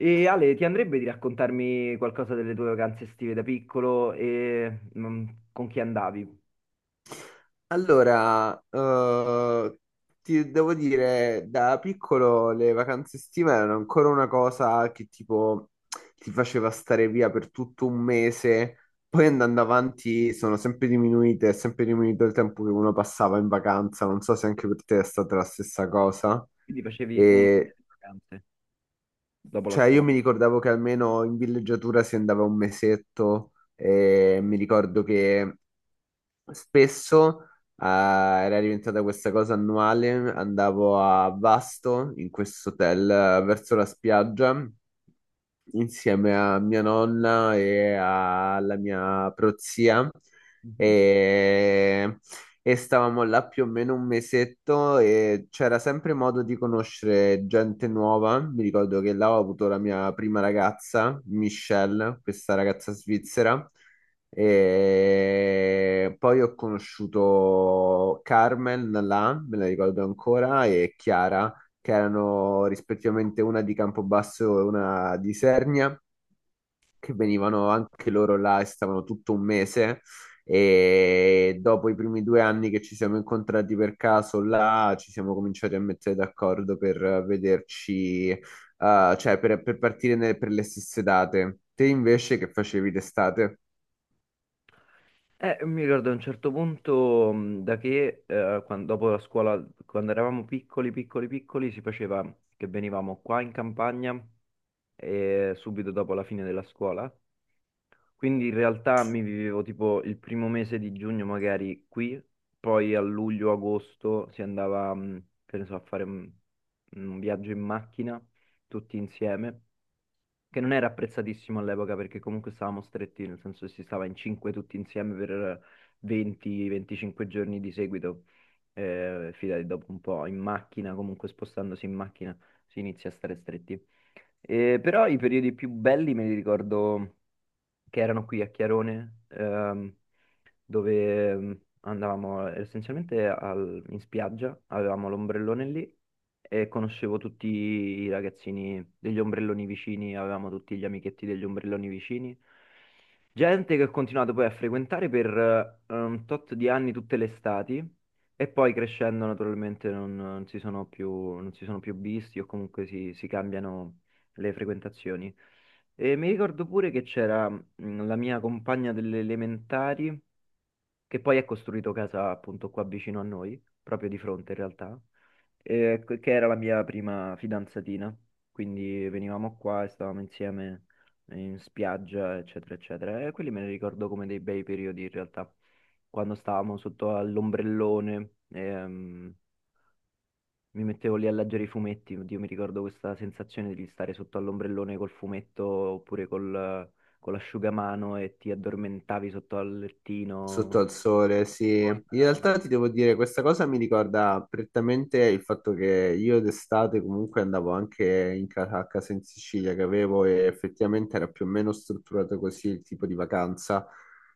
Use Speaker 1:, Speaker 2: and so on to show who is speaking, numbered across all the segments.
Speaker 1: E Ale, ti andrebbe di raccontarmi qualcosa delle tue vacanze estive da piccolo e con chi andavi?
Speaker 2: Allora, eh, ti devo dire, da piccolo le vacanze estive erano ancora una cosa che tipo ti faceva stare via per tutto un mese, poi andando avanti sono sempre diminuite, è sempre diminuito il tempo che uno passava in vacanza, non so se anche per te è stata la stessa cosa.
Speaker 1: Quindi facevi un monte
Speaker 2: E,
Speaker 1: di vacanze dopo la
Speaker 2: cioè, io
Speaker 1: scuola.
Speaker 2: mi ricordavo che almeno in villeggiatura si andava un mesetto e mi ricordo che spesso era diventata questa cosa annuale, andavo a Vasto in questo hotel, verso la spiaggia insieme a mia nonna e alla mia prozia
Speaker 1: Mhm.
Speaker 2: e, e stavamo là più o meno un mesetto e c'era sempre modo di conoscere gente nuova. Mi ricordo che là ho avuto la mia prima ragazza, Michelle, questa ragazza svizzera. E poi ho conosciuto Carmen là, me la ricordo ancora, e Chiara, che erano rispettivamente una di Campobasso e una di Sernia, che venivano anche loro là e stavano tutto un mese. E dopo i primi due anni che ci siamo incontrati per caso là, ci siamo cominciati a mettere d'accordo per vederci, cioè per partire per le stesse date. Te invece che facevi d'estate?
Speaker 1: Mi ricordo a un certo punto da che dopo la scuola, quando eravamo piccoli, si faceva che venivamo qua in campagna, subito dopo la fine della scuola. Quindi in realtà mi vivevo tipo il primo mese di giugno magari qui, poi a luglio-agosto si andava, che ne so, a fare un viaggio in macchina tutti insieme, che non era apprezzatissimo all'epoca perché comunque stavamo stretti, nel senso che si stava in cinque tutti insieme per 20-25 giorni di seguito. Eh, fidati, dopo un po' in macchina, comunque spostandosi in macchina si inizia a stare stretti. Però i periodi più belli me li ricordo che erano qui a Chiarone, dove andavamo essenzialmente in spiaggia, avevamo l'ombrellone lì e conoscevo tutti i ragazzini degli ombrelloni vicini, avevamo tutti gli amichetti degli ombrelloni vicini. Gente che ho continuato poi a frequentare per un tot di anni tutte le estati e poi crescendo naturalmente non si sono più, non si sono più visti o comunque si cambiano le frequentazioni. E mi ricordo pure che c'era la mia compagna delle elementari, che poi ha costruito casa appunto qua vicino a noi, proprio di fronte in realtà, che era la mia prima fidanzatina. Quindi venivamo qua e stavamo insieme in spiaggia, eccetera, eccetera. E quelli me li ricordo come dei bei periodi in realtà, quando stavamo sotto all'ombrellone. Mi mettevo lì a leggere i fumetti, oddio, mi ricordo questa sensazione di stare sotto all'ombrellone col fumetto oppure con l'asciugamano e ti addormentavi sotto al lettino.
Speaker 2: Sotto al sole, sì. In realtà ti devo dire, questa cosa mi ricorda prettamente il fatto che io d'estate comunque andavo anche in casa, a casa in Sicilia che avevo, e effettivamente era più o meno strutturato così il tipo di vacanza,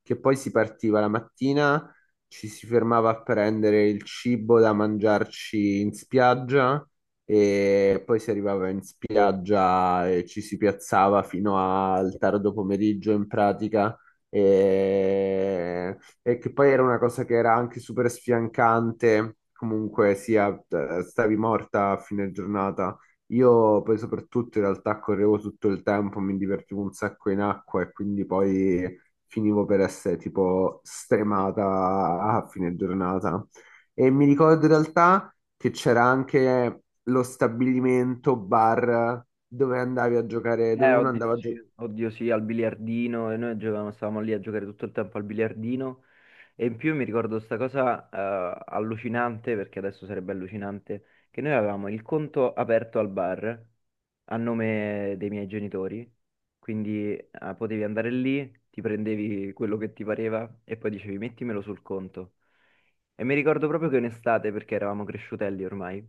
Speaker 2: che poi si partiva la mattina, ci si fermava a prendere il cibo da mangiarci in spiaggia e poi si arrivava in spiaggia e ci si piazzava fino al tardo pomeriggio in pratica e che poi era una cosa che era anche super sfiancante, comunque sia, stavi morta a fine giornata. Io poi soprattutto in realtà correvo tutto il tempo, mi divertivo un sacco in acqua e quindi poi finivo per essere tipo stremata a fine giornata. E mi ricordo in realtà che c'era anche lo stabilimento bar dove andavi a giocare, dove uno
Speaker 1: Oddio,
Speaker 2: andava a giocare.
Speaker 1: sì. Oddio sì, al biliardino, e noi giocavamo, stavamo lì a giocare tutto il tempo al biliardino, e in più mi ricordo sta cosa allucinante, perché adesso sarebbe allucinante, che noi avevamo il conto aperto al bar a nome dei miei genitori, quindi potevi andare lì, ti prendevi quello che ti pareva e poi dicevi mettimelo sul conto. E mi ricordo proprio che in estate, perché eravamo cresciutelli ormai,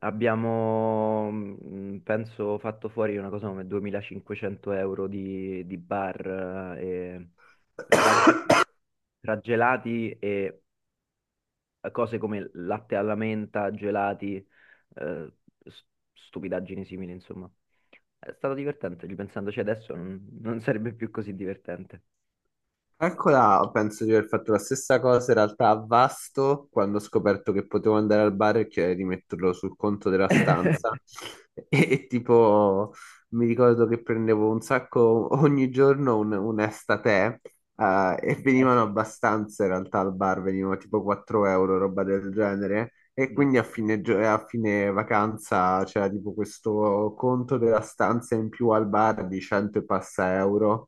Speaker 1: abbiamo, penso, fatto fuori una cosa come 2500 euro di bar, e tra gelati e cose come latte alla menta, gelati, s- stupidaggini simili, insomma. È stato divertente, ripensandoci adesso non sarebbe più così divertente.
Speaker 2: Calcola, penso di aver fatto la stessa cosa in realtà a Vasto quando ho scoperto che potevo andare al bar e chiedere di metterlo sul conto della stanza. E, e tipo, mi ricordo che prendevo un sacco ogni giorno un estate, e
Speaker 1: Eh sì, eh
Speaker 2: venivano
Speaker 1: sì,
Speaker 2: abbastanza in realtà al bar, venivano tipo 4 euro, roba del genere. E
Speaker 1: io-
Speaker 2: quindi a a fine vacanza c'era tipo questo conto della stanza in più al bar di 100 e passa euro.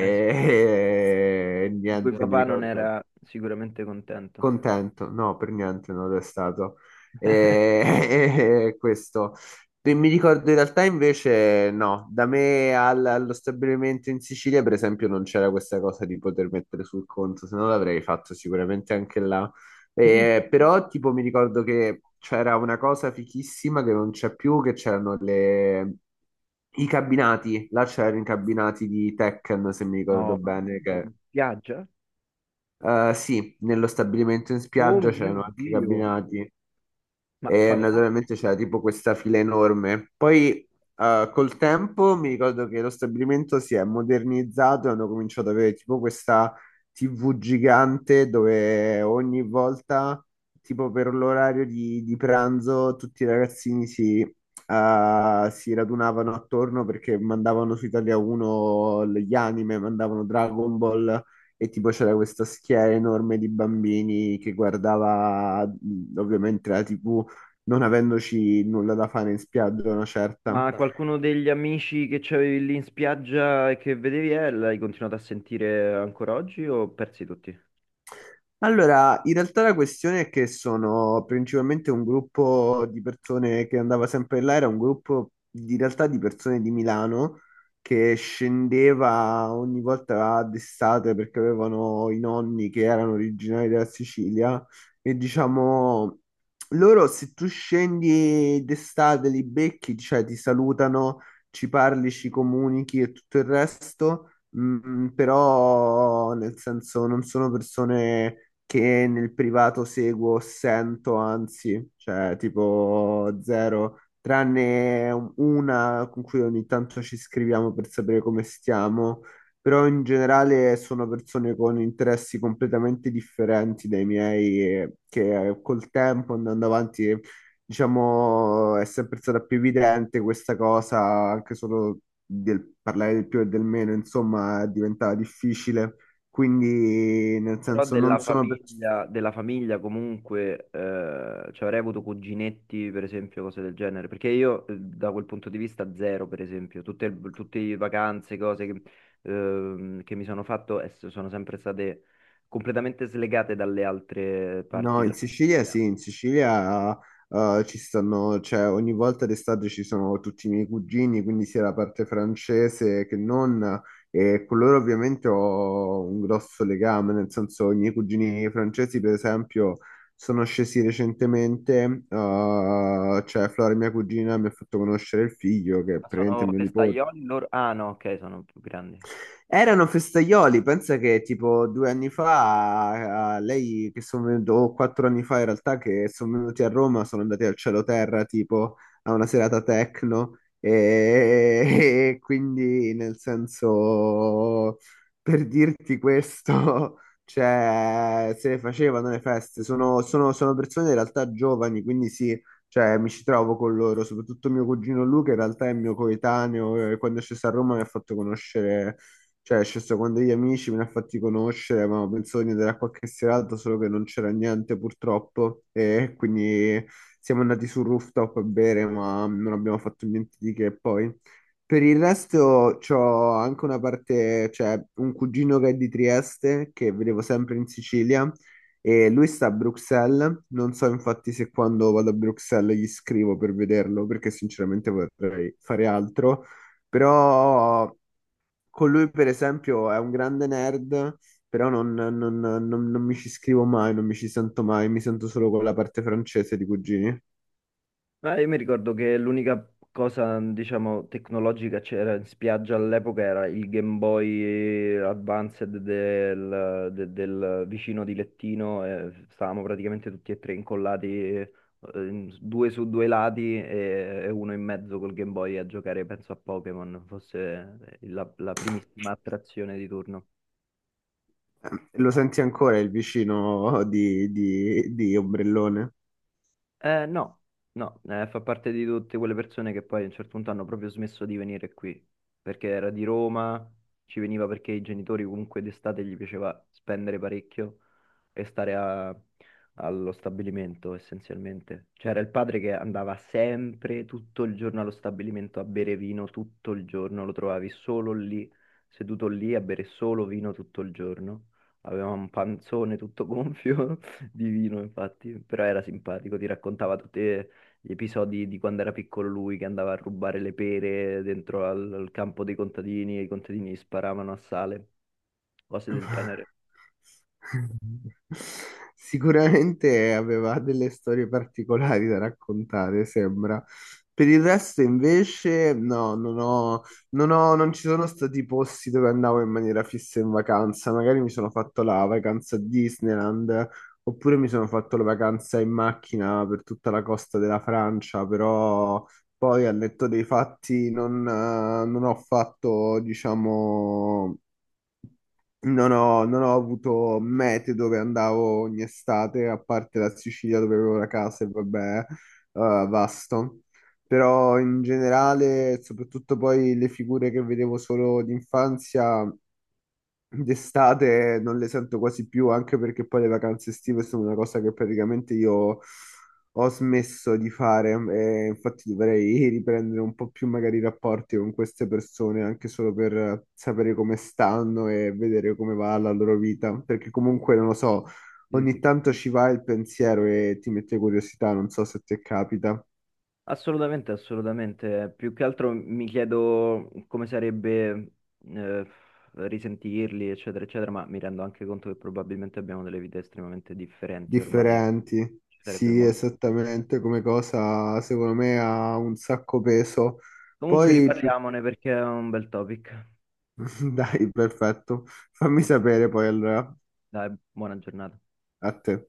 Speaker 1: eh sì. Di cui
Speaker 2: niente, mi
Speaker 1: papà non
Speaker 2: ricordo che
Speaker 1: era sicuramente contento.
Speaker 2: contento, no, per niente non lo è stato. E e questo. E mi ricordo in realtà invece no, da me allo stabilimento in Sicilia per esempio non c'era questa cosa di poter mettere sul conto, se no l'avrei fatto sicuramente anche là.
Speaker 1: Mm.
Speaker 2: Però tipo mi ricordo che c'era una cosa fichissima che non c'è più, che c'erano i cabinati, là c'erano i cabinati di Tekken se mi ricordo
Speaker 1: No, ma che
Speaker 2: bene,
Speaker 1: cos'è?
Speaker 2: che...
Speaker 1: In spiaggia?
Speaker 2: Eh sì, nello stabilimento in
Speaker 1: Oh
Speaker 2: spiaggia
Speaker 1: mio
Speaker 2: c'erano anche
Speaker 1: Dio!
Speaker 2: cabinati
Speaker 1: Oh,
Speaker 2: e naturalmente c'era tipo questa fila enorme. Poi col tempo mi ricordo che lo stabilimento si è modernizzato e hanno cominciato ad avere tipo questa TV gigante dove ogni volta, tipo per l'orario di pranzo, tutti i ragazzini si radunavano attorno perché mandavano su Italia 1 gli anime, mandavano Dragon Ball. E tipo c'era questa schiera enorme di bambini che guardava, ovviamente, la TV, non avendoci nulla da fare in spiaggia, una
Speaker 1: ma
Speaker 2: certa.
Speaker 1: qualcuno degli amici che c'avevi lì in spiaggia e che vedevi, l'hai continuato a sentire ancora oggi o persi tutti?
Speaker 2: Allora, in realtà la questione è che sono principalmente un gruppo di persone che andava sempre là, era un gruppo di in realtà di persone di Milano che scendeva ogni volta d'estate perché avevano i nonni che erano originari della Sicilia e diciamo loro, se tu scendi d'estate li becchi, cioè ti salutano, ci parli, ci comunichi e tutto il resto, però nel senso non sono persone che nel privato seguo, sento, anzi, cioè tipo zero, tranne una con cui ogni tanto ci scriviamo per sapere come stiamo, però in generale sono persone con interessi completamente differenti dai miei, e che col tempo andando avanti, diciamo, è sempre stata più evidente questa cosa, anche solo del parlare del più e del meno, insomma, diventava difficile. Quindi, nel
Speaker 1: Però
Speaker 2: senso, non sono per...
Speaker 1: della famiglia comunque cioè avrei avuto cuginetti, per esempio, cose del genere. Perché io, da quel punto di vista zero, per esempio, tutte le vacanze, cose che mi sono fatto, sono sempre state completamente slegate dalle altre
Speaker 2: No,
Speaker 1: parti
Speaker 2: in
Speaker 1: della
Speaker 2: Sicilia
Speaker 1: famiglia.
Speaker 2: sì, in Sicilia ci stanno, cioè ogni volta d'estate ci sono tutti i miei cugini, quindi sia la parte francese che non, e con loro ovviamente ho un grosso legame, nel senso i miei cugini francesi, per esempio, sono scesi recentemente, cioè Flora, mia cugina, mi ha fatto conoscere il figlio, che è
Speaker 1: Ma
Speaker 2: praticamente
Speaker 1: sono
Speaker 2: mio nipote.
Speaker 1: festaioli loro? Ah no, ok, sono più grandi.
Speaker 2: Erano festaioli, pensa che tipo due anni fa, lei che sono venuto, o quattro anni fa in realtà, che sono venuti a Roma, sono andati al Cielo Terra tipo a una serata techno e e quindi nel senso, per dirti questo, cioè se le facevano le feste, sono persone in realtà giovani, quindi sì, cioè mi ci trovo con loro, soprattutto mio cugino Luca, in realtà è mio coetaneo e quando è sceso a Roma mi ha fatto conoscere, cioè, è sceso con degli amici, me ne ha fatti conoscere, avevamo pensato di andare a qualche serata, solo che non c'era niente purtroppo. E quindi siamo andati sul rooftop a bere, ma non abbiamo fatto niente di che poi. Per il resto c'ho anche una parte, cioè un cugino che è di Trieste, che vedevo sempre in Sicilia, e lui sta a Bruxelles. Non so infatti se quando vado a Bruxelles gli scrivo per vederlo, perché sinceramente vorrei fare altro. Però con lui, per esempio, è un grande nerd, però non mi ci scrivo mai, non mi ci sento mai, mi sento solo con la parte francese di cugini.
Speaker 1: Ah, io mi ricordo che l'unica cosa, diciamo, tecnologica che c'era in spiaggia all'epoca era il Game Boy Advanced del vicino di lettino. E stavamo praticamente tutti e tre incollati, eh, due su due lati e uno in mezzo col Game Boy a giocare, penso a Pokémon, fosse la primissima attrazione di turno.
Speaker 2: Lo senti ancora il vicino di ombrellone?
Speaker 1: No, no, fa parte di tutte quelle persone che poi a un certo punto hanno proprio smesso di venire qui, perché era di Roma, ci veniva perché i genitori comunque d'estate gli piaceva spendere parecchio e stare allo stabilimento essenzialmente. C'era il padre che andava sempre tutto il giorno allo stabilimento a bere vino tutto il giorno, lo trovavi solo lì, seduto lì a bere solo vino tutto il giorno. Aveva un panzone tutto gonfio di vino, infatti, però era simpatico, ti raccontava tutti, gli episodi di quando era piccolo lui che andava a rubare le pere dentro al campo dei contadini e i contadini gli sparavano a sale, cose del genere.
Speaker 2: Sicuramente aveva delle storie particolari da raccontare, sembra. Per il resto, invece, non ci sono stati posti dove andavo in maniera fissa in vacanza. Magari mi sono fatto la vacanza a Disneyland, oppure mi sono fatto la vacanza in macchina per tutta la costa della Francia, però poi, al netto dei fatti, non ho fatto, diciamo, non ho avuto mete dove andavo ogni estate, a parte la Sicilia dove avevo la casa e vabbè, Vasto. Però in generale, soprattutto poi le figure che vedevo solo d'infanzia, d'estate non le sento quasi più, anche perché poi le vacanze estive sono una cosa che praticamente io ho smesso di fare. E infatti dovrei riprendere un po' più magari i rapporti con queste persone, anche solo per sapere come stanno e vedere come va la loro vita. Perché comunque, non lo so,
Speaker 1: Sì,
Speaker 2: ogni
Speaker 1: sì.
Speaker 2: tanto ci va il pensiero e ti mette curiosità, non so se ti capita.
Speaker 1: Assolutamente, assolutamente. Più che altro mi chiedo come sarebbe, eh, risentirli, eccetera, eccetera, ma mi rendo anche conto che probabilmente abbiamo delle vite estremamente differenti ormai.
Speaker 2: Differenti.
Speaker 1: Ci sarebbe
Speaker 2: Sì,
Speaker 1: molto.
Speaker 2: esattamente come cosa, secondo me ha un sacco peso.
Speaker 1: Comunque
Speaker 2: Poi più
Speaker 1: riparliamone perché è un bel topic.
Speaker 2: Dai, perfetto. Fammi sapere poi allora,
Speaker 1: Dai, buona giornata.
Speaker 2: a te.